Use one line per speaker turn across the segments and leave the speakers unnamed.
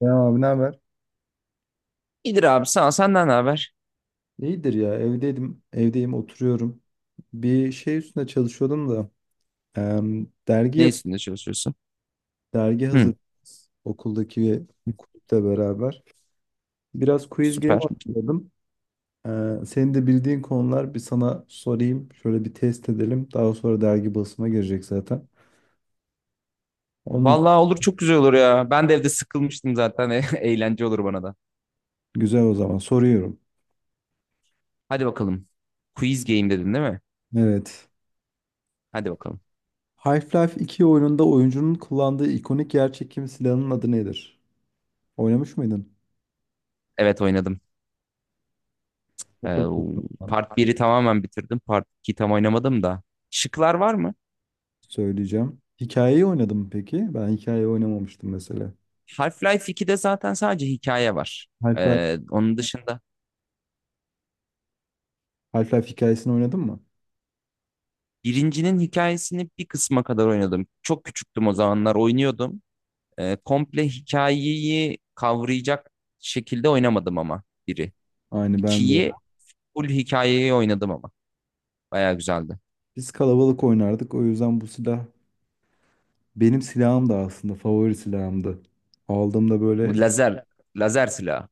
Ya abi ne haber?
İyidir abi, sağ ol. Senden ne haber?
İyidir ya evdeyim oturuyorum. Bir şey üstüne çalışıyordum da em, dergi
Ne
yap
üstünde çalışıyorsun?
dergi hazır,
Hı,
okuldaki kulüple beraber. Biraz quiz game
süper.
oynuyordum. Senin de bildiğin konular, bir sana sorayım. Şöyle bir test edelim. Daha sonra dergi basıma girecek zaten. Onun üst-
Vallahi olur, çok güzel olur ya. Ben de evde sıkılmıştım zaten. Eğlence olur bana da.
Güzel, o zaman soruyorum.
Hadi bakalım. Quiz game dedin değil mi?
Evet.
Hadi bakalım.
Half-Life 2 oyununda oyuncunun kullandığı ikonik yerçekim silahının adı nedir? Oynamış mıydın?
Evet, oynadım. Ee,
Hatırlıyorum.
Part biri tamamen bitirdim. Part 2'yi tam oynamadım da. Şıklar var mı?
Söyleyeceğim. Hikayeyi oynadın mı peki? Ben hikayeyi oynamamıştım mesela.
Half-Life 2'de zaten sadece hikaye var.
Half-Life,
Onun dışında
Half-Life hikayesini oynadın mı?
birincinin hikayesini bir kısma kadar oynadım. Çok küçüktüm, o zamanlar oynuyordum. Komple hikayeyi kavrayacak şekilde oynamadım ama biri.
Aynı ben de.
2'yi full hikayeyi oynadım ama. Bayağı güzeldi.
Biz kalabalık oynardık. O yüzden bu silah, benim silahım da, aslında favori silahımdı. Aldığımda
Bu
böyle
lazer, lazer silahı.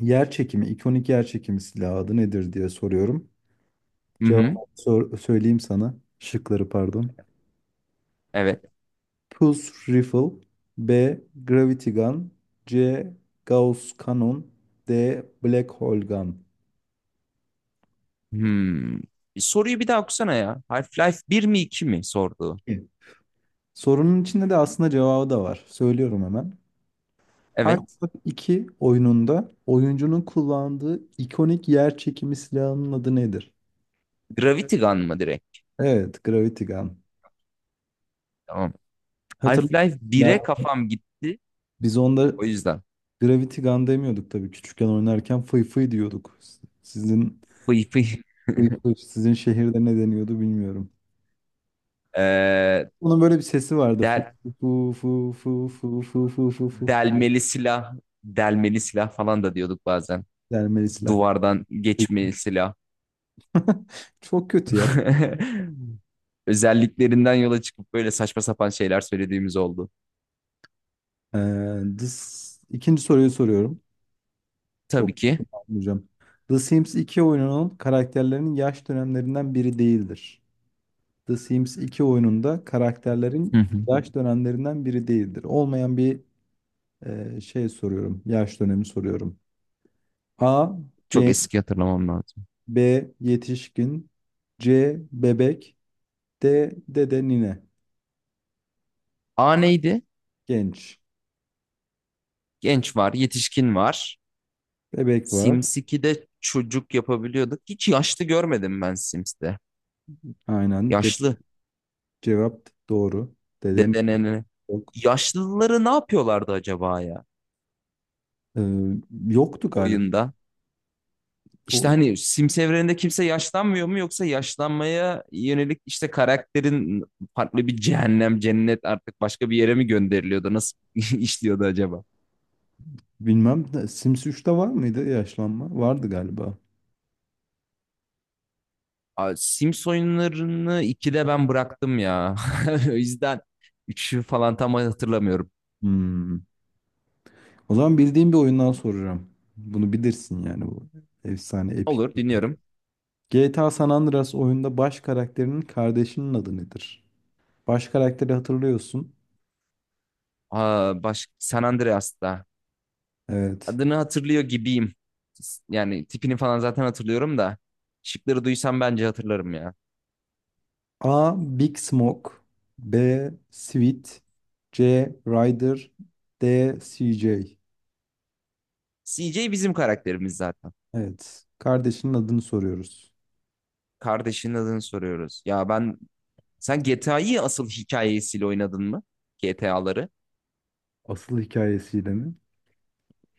ikonik yer çekimi silahı adı nedir diye soruyorum.
Hı
Cevabı
hı.
sor- söyleyeyim sana. Şıkları, pardon.
Evet.
Pulse Rifle, B. Gravity Gun, C. Gauss Cannon, D. Black Hole Gun.
Hmm. Bir soruyu bir daha okusana ya. Half-Life bir mi, 2 mi sordu.
Sorunun içinde de aslında cevabı da var. Söylüyorum hemen.
Evet.
Half-Life 2 oyununda oyuncunun kullandığı ikonik yer çekimi silahının adı nedir?
Gravity Gun mı direkt?
Evet, Gravity Gun.
Tamam.
Hatırlayın.
Half-Life bire kafam gitti.
Biz onda
O yüzden.
Gravity Gun demiyorduk tabii. Küçükken oynarken fıy fıy diyorduk. Sizin
Fıy fıy.
sizin şehirde ne deniyordu bilmiyorum.
Ee,
Bunun böyle bir sesi vardı. Fu
del,
fu fu fu fu fu fu fu fu diye.
Delmeli silah. Delmeli silah falan da diyorduk bazen.
Dermeli silah.
Duvardan geçmeli silah.
Çok kötü ya.
Özelliklerinden yola çıkıp böyle saçma sapan şeyler söylediğimiz oldu.
Ee, dis- ikinci soruyu soruyorum.
Tabii
Çok,
ki.
hocam. The Sims 2 oyununun karakterlerinin yaş dönemlerinden biri değildir. The Sims 2 oyununda
Hı
karakterlerin
hı.
yaş dönemlerinden biri değildir. Olmayan bir şey soruyorum. Yaş dönemi soruyorum. A.
Çok
Genç,
eski, hatırlamam lazım.
B. Yetişkin, C. Bebek, D. Dede nine.
A neydi?
Genç.
Genç var, yetişkin var.
Bebek var.
Sims 2'de çocuk yapabiliyorduk. Hiç yaşlı görmedim ben Sims'te.
Aynen. De-
Yaşlı.
cevap doğru. Deden
Dede.
yok.
Yaşlıları ne yapıyorlardı acaba ya
Ee, Yoktu galiba.
oyunda? İşte
O
hani Sims evreninde kimse yaşlanmıyor mu, yoksa yaşlanmaya yönelik işte karakterin farklı bir cehennem, cennet, artık başka bir yere mi gönderiliyordu? Nasıl işliyordu acaba?
Bilmem de Sims 3'te var mıydı yaşlanma? Vardı galiba.
Aa, Sims oyunlarını 2'de ben bıraktım ya. O yüzden 3'ü falan tam hatırlamıyorum.
Hmm. O zaman bildiğim bir oyundan soracağım. Bunu bilirsin, yani bu efsane, epik.
Olur, dinliyorum.
GTA San Andreas oyunda baş karakterinin kardeşinin adı nedir? Baş karakteri hatırlıyorsun.
Aa, baş... San Andreas'ta.
Evet.
Adını hatırlıyor gibiyim. Yani tipini falan zaten hatırlıyorum da. Şıkları duysam bence hatırlarım ya.
A. Big Smoke, B. Sweet, C. Ryder, D. CJ.
CJ bizim karakterimiz zaten.
Evet. Kardeşinin adını soruyoruz.
Kardeşinin adını soruyoruz. Ya ben, sen GTA'yı asıl hikayesiyle oynadın mı? GTA'ları.
Asıl hikayesiyle mi?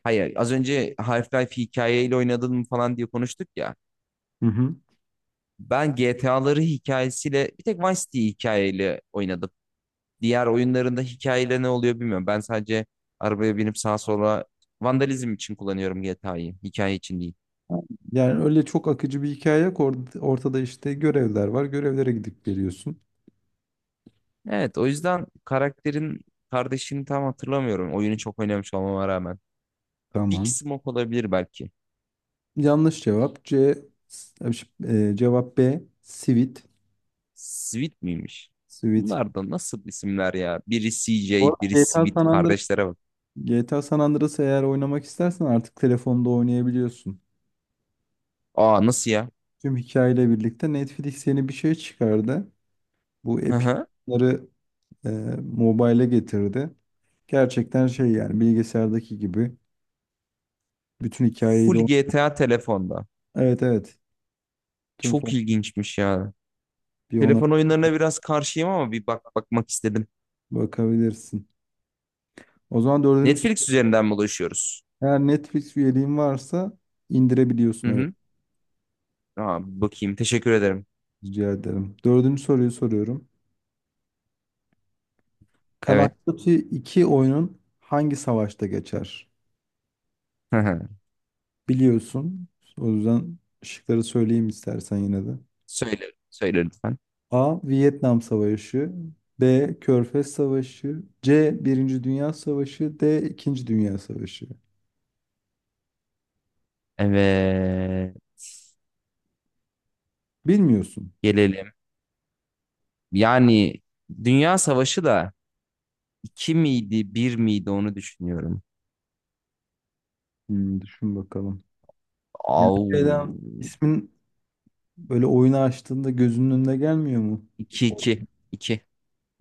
Hayır, az önce Half-Life hikayeyle oynadın mı falan diye konuştuk ya.
Hı hı.
Ben GTA'ları hikayesiyle bir tek Vice City hikayeyle oynadım. Diğer oyunlarında hikayeyle ne oluyor bilmiyorum. Ben sadece arabaya binip sağa sola vandalizm için kullanıyorum GTA'yı. Hikaye için değil.
Yani öyle çok akıcı bir hikaye yok. Ortada işte görevler var. Görevlere gidip geliyorsun.
Evet, o yüzden karakterin kardeşini tam hatırlamıyorum. Oyunu çok oynamış olmama rağmen. Big
Tamam.
Smoke olabilir belki.
Yanlış cevap C. Cevap B. Sivit.
Sweet miymiş?
Sivit.
Bunlar da nasıl isimler ya? Biri C
Bu
J,
arada
biri
GTA
Sweet,
San Andreas,
kardeşlere bak.
GTA San Andreas'ı, eğer oynamak istersen, artık telefonda oynayabiliyorsun.
Aa, nasıl ya?
Tüm hikayeyle birlikte Netflix yeni bir şey çıkardı. Bu
Hı
Epic
hı.
Game'ları e, mobile'e getirdi. Gerçekten şey, yani bilgisayardaki gibi bütün hikayeyi de...
Full GTA telefonda.
Evet, evet. Tüm
Çok
fon-
ilginçmiş ya.
bir ona
Telefon oyunlarına biraz karşıyım ama bir bak bakmak istedim.
Bakabilirsin. O zaman dördüncü soru.
Netflix üzerinden mi ulaşıyoruz?
Eğer Netflix üyeliğin varsa
Hı
indirebiliyorsun, evet.
hı. Aa, bir bakayım. Teşekkür ederim.
Rica ederim. Dördüncü soruyu soruyorum. Call of
Evet.
Duty 2 oyunun hangi savaşta geçer?
Hı hı.
Biliyorsun. O yüzden şıkları söyleyeyim istersen yine de.
Söyle, söyle lütfen.
A. Vietnam Savaşı, B. Körfez Savaşı, C. Birinci Dünya Savaşı, D. İkinci Dünya Savaşı.
Evet.
Bilmiyorsun.
Gelelim. Yani Dünya Savaşı da iki miydi, bir miydi onu düşünüyorum.
Hmm, düşün bakalım. Yani
Au.
şeyden, ismin Böyle oyunu açtığında gözünün önüne gelmiyor mu?
İki iki, iki.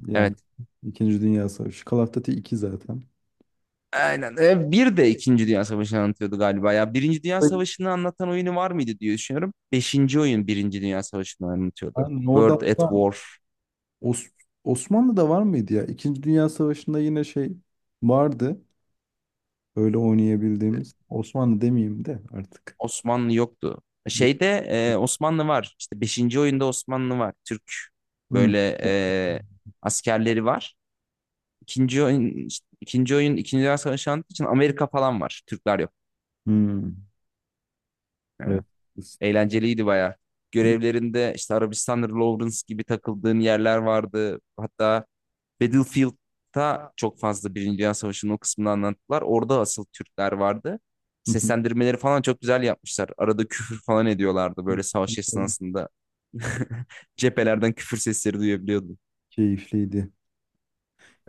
Yani
Evet.
İkinci Dünya Savaşı. Call of Duty 2 zaten.
Aynen. Bir de İkinci Dünya Savaşı'nı anlatıyordu galiba ya. Birinci Dünya Savaşı'nı anlatan oyunu var mıydı diye düşünüyorum. Beşinci oyun Birinci Dünya Savaşı'nı anlatıyordu.
Aynen, orada
World at
hatta
War.
Os- Osmanlı'da var mıydı ya? İkinci Dünya Savaşı'nda yine şey vardı. Öyle oynayabildiğimiz. Osmanlı demeyeyim de artık.
Osmanlı yoktu. Şeyde Osmanlı var. İşte beşinci oyunda Osmanlı var. Türk
Hmm.
böyle askerleri var. İkinci oyun, işte ikinci oyun İkinci Dünya Savaşı anlattığı için Amerika falan var. Türkler yok.
Hmm.
Yani
Evet.
eğlenceliydi baya. Görevlerinde işte Arabistan'da Lawrence gibi takıldığın yerler vardı. Hatta Battlefield'da çok fazla Birinci Dünya Savaşı'nın o kısmını anlattılar. Orada asıl Türkler vardı.
Hı hı.
Seslendirmeleri falan çok güzel yapmışlar. Arada küfür falan ediyorlardı böyle savaş esnasında. Cephelerden küfür sesleri duyabiliyordum.
Keyifliydi.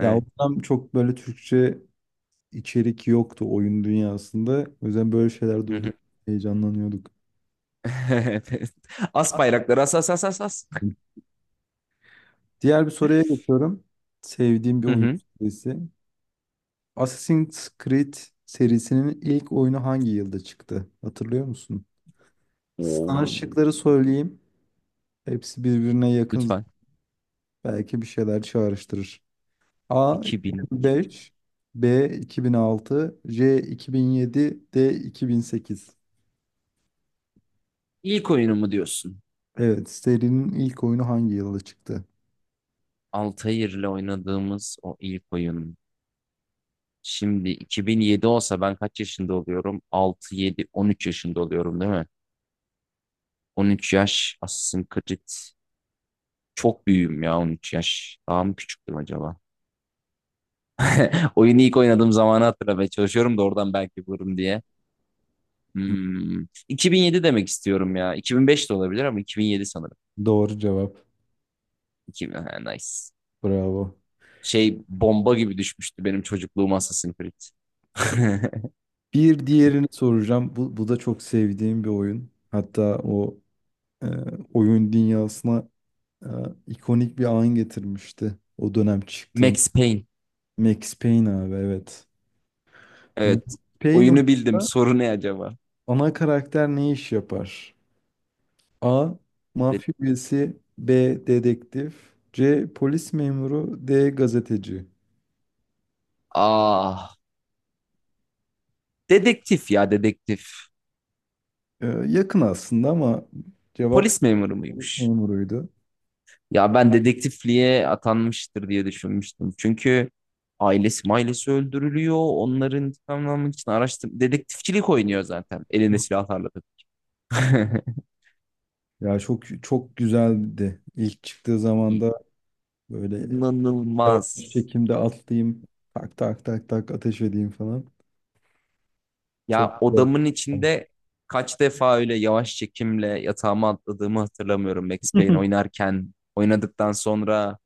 Ya o dönem çok böyle Türkçe içerik yoktu oyun dünyasında. O yüzden böyle şeyler
Hı hı.
duyduk. Heyecanlanıyorduk.
Evet. As bayrakları, as as as as as.
Diğer bir soruya geçiyorum. Sevdiğim bir
Hı
oyun
hı.
serisi. Assassin's Creed serisinin ilk oyunu hangi yılda çıktı? Hatırlıyor musun?
Oo.
Sana şıkları söyleyeyim. Hepsi birbirine yakın.
Lütfen.
Belki bir şeyler çağrıştırır. A.
2000. 2000.
2005, B. 2006, C. 2007, D. 2008.
İlk oyunu mu diyorsun?
Evet, serinin ilk oyunu hangi yılda çıktı?
Altair'le oynadığımız o ilk oyun. Şimdi 2007 olsa ben kaç yaşında oluyorum? 6, 7, 13 yaşında oluyorum değil mi? 13 yaş Assassin's Creed. Çok büyüğüm ya 13 yaş. Daha mı küçüktüm acaba? Oyunu ilk oynadığım zamanı hatırlamaya çalışıyorum da, oradan belki bulurum diye. Hmm. 2007 demek istiyorum ya. 2005 de olabilir ama 2007 sanırım.
Doğru cevap.
2000, ha, nice.
Bravo.
Şey, bomba gibi düşmüştü benim çocukluğum Assassin's Creed.
Bir diğerini soracağım. Bu da çok sevdiğim bir oyun. Hatta o, e, oyun dünyasına e, ikonik bir an getirmişti. O dönem çıktığın.
Max Payne.
Max Payne, abi, evet. Max
Evet.
Payne
Oyunu bildim.
oyununda
Soru ne acaba?
ana karakter ne iş yapar? A.
De-
Mafya üyesi, B. Dedektif, C. Polis memuru, D. Gazeteci.
Ah. Dedektif ya, dedektif.
Yakın aslında ama cevap
Polis memuru
polis
muymuş?
memuruydu.
Ya ben dedektifliğe atanmıştır diye düşünmüştüm. Çünkü ailesi mailesi öldürülüyor. Onların intikamını almak için araştır. Dedektifçilik oynuyor zaten. Eline silah tarladı.
Ya çok çok güzeldi. İlk çıktığı zaman da böyle, yavaş
İnanılmaz.
çekimde atlayayım. Tak tak tak tak ateş edeyim falan. Çok
Ya
güzel.
odamın içinde kaç defa öyle yavaş çekimle yatağıma atladığımı hatırlamıyorum. Max Payne oynarken, oynadıktan sonra.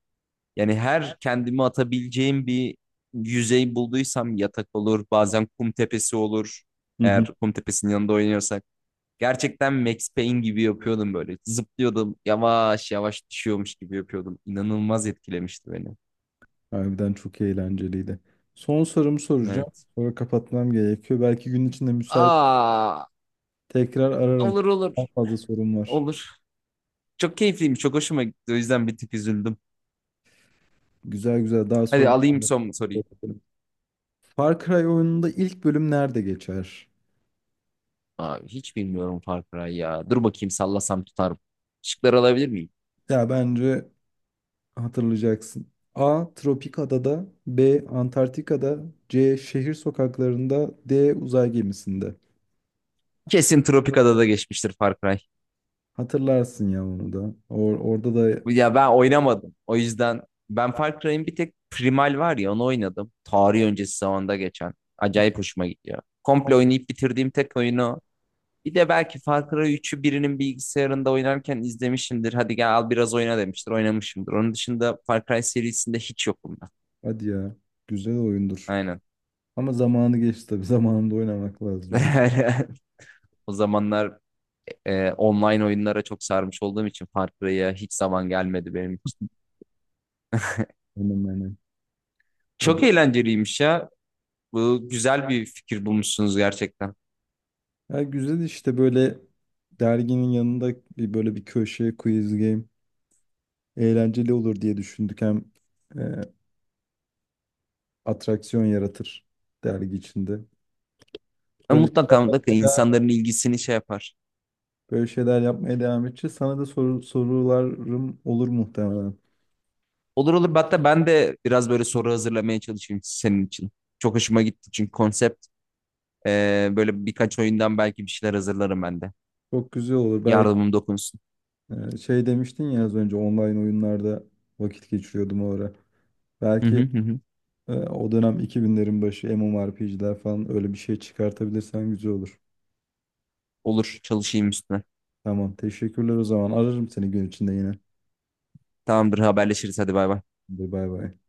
Yani her kendimi atabileceğim bir yüzey bulduysam yatak olur, bazen kum tepesi olur.
Hı
Eğer
hı.
kum tepesinin yanında oynuyorsak. Gerçekten Max Payne gibi yapıyordum böyle. Zıplıyordum, yavaş yavaş düşüyormuş gibi yapıyordum. İnanılmaz etkilemişti beni.
Harbiden çok eğlenceliydi. Son sorumu soracağım.
Evet.
Sonra kapatmam gerekiyor. Belki gün içinde müsait
Aa,
tekrar ararım.
olur, olur.
Çok fazla sorum var.
Olur. Çok keyifliymiş, çok hoşuma gitti. O yüzden bir tık üzüldüm.
Güzel güzel, daha
Hadi
soru.
alayım son soruyu.
Far Cry oyununda ilk bölüm nerede geçer?
Abi hiç bilmiyorum Far Cry ya. Dur bakayım, sallasam tutarım. Şıkları alabilir miyim?
Ya bence hatırlayacaksın. A. Tropik Adada, B. Antarktika'da, C. Şehir sokaklarında, D. Uzay gemisinde.
Kesin Tropikada'da geçmiştir Far Cry.
Hatırlarsın ya onu da. Orada da,
Ya ben oynamadım. O yüzden ben Far Cry'in bir tek Primal var ya, onu oynadım. Tarih öncesi zamanda geçen. Acayip hoşuma gidiyor. Komple oynayıp bitirdiğim tek oyunu o. Bir de belki Far Cry üçü birinin bilgisayarında oynarken izlemişimdir. Hadi gel al biraz oyna demiştir. Oynamışımdır. Onun dışında Far Cry serisinde hiç yokum ben.
hadi ya, güzel oyundur.
Aynen.
Ama zamanı geçti tabii. Zamanında oynamak lazımdı.
O zamanlar online oyunlara çok sarmış olduğum için Far Cry'a hiç zaman gelmedi benim için.
Hemen hemen. O
Çok
da.
eğlenceliymiş ya. Bu güzel bir fikir bulmuşsunuz gerçekten.
Ya güzel işte, böyle derginin yanında bir böyle bir köşe quiz game eğlenceli olur diye düşündük. Hem e, atraksiyon yaratır dergi içinde.
Ama
Böyle şeyler
mutlaka mutlaka
yapmaya devam,
insanların ilgisini şey yapar.
Böyle şeyler yapmaya devam edeceğiz. Sana da sorularım olur muhtemelen.
Olur olur, hatta ben de biraz böyle soru hazırlamaya çalışayım senin için. Çok hoşuma gitti çünkü konsept, böyle birkaç oyundan belki bir şeyler hazırlarım ben de.
Çok güzel olur. Belki.
Yardımım dokunsun.
Şey demiştin ya az önce, online oyunlarda vakit geçiriyordum o ara.
Hı hı
Belki
hı. Hı.
o dönem 2000'lerin başı MMORPG'ler falan, öyle bir şey çıkartabilirsen güzel olur.
Olur, çalışayım üstüne.
Tamam, teşekkürler o zaman. Ararım seni gün içinde yine.
Tamamdır, haberleşiriz. Hadi bay bay.
Hadi, bay bay.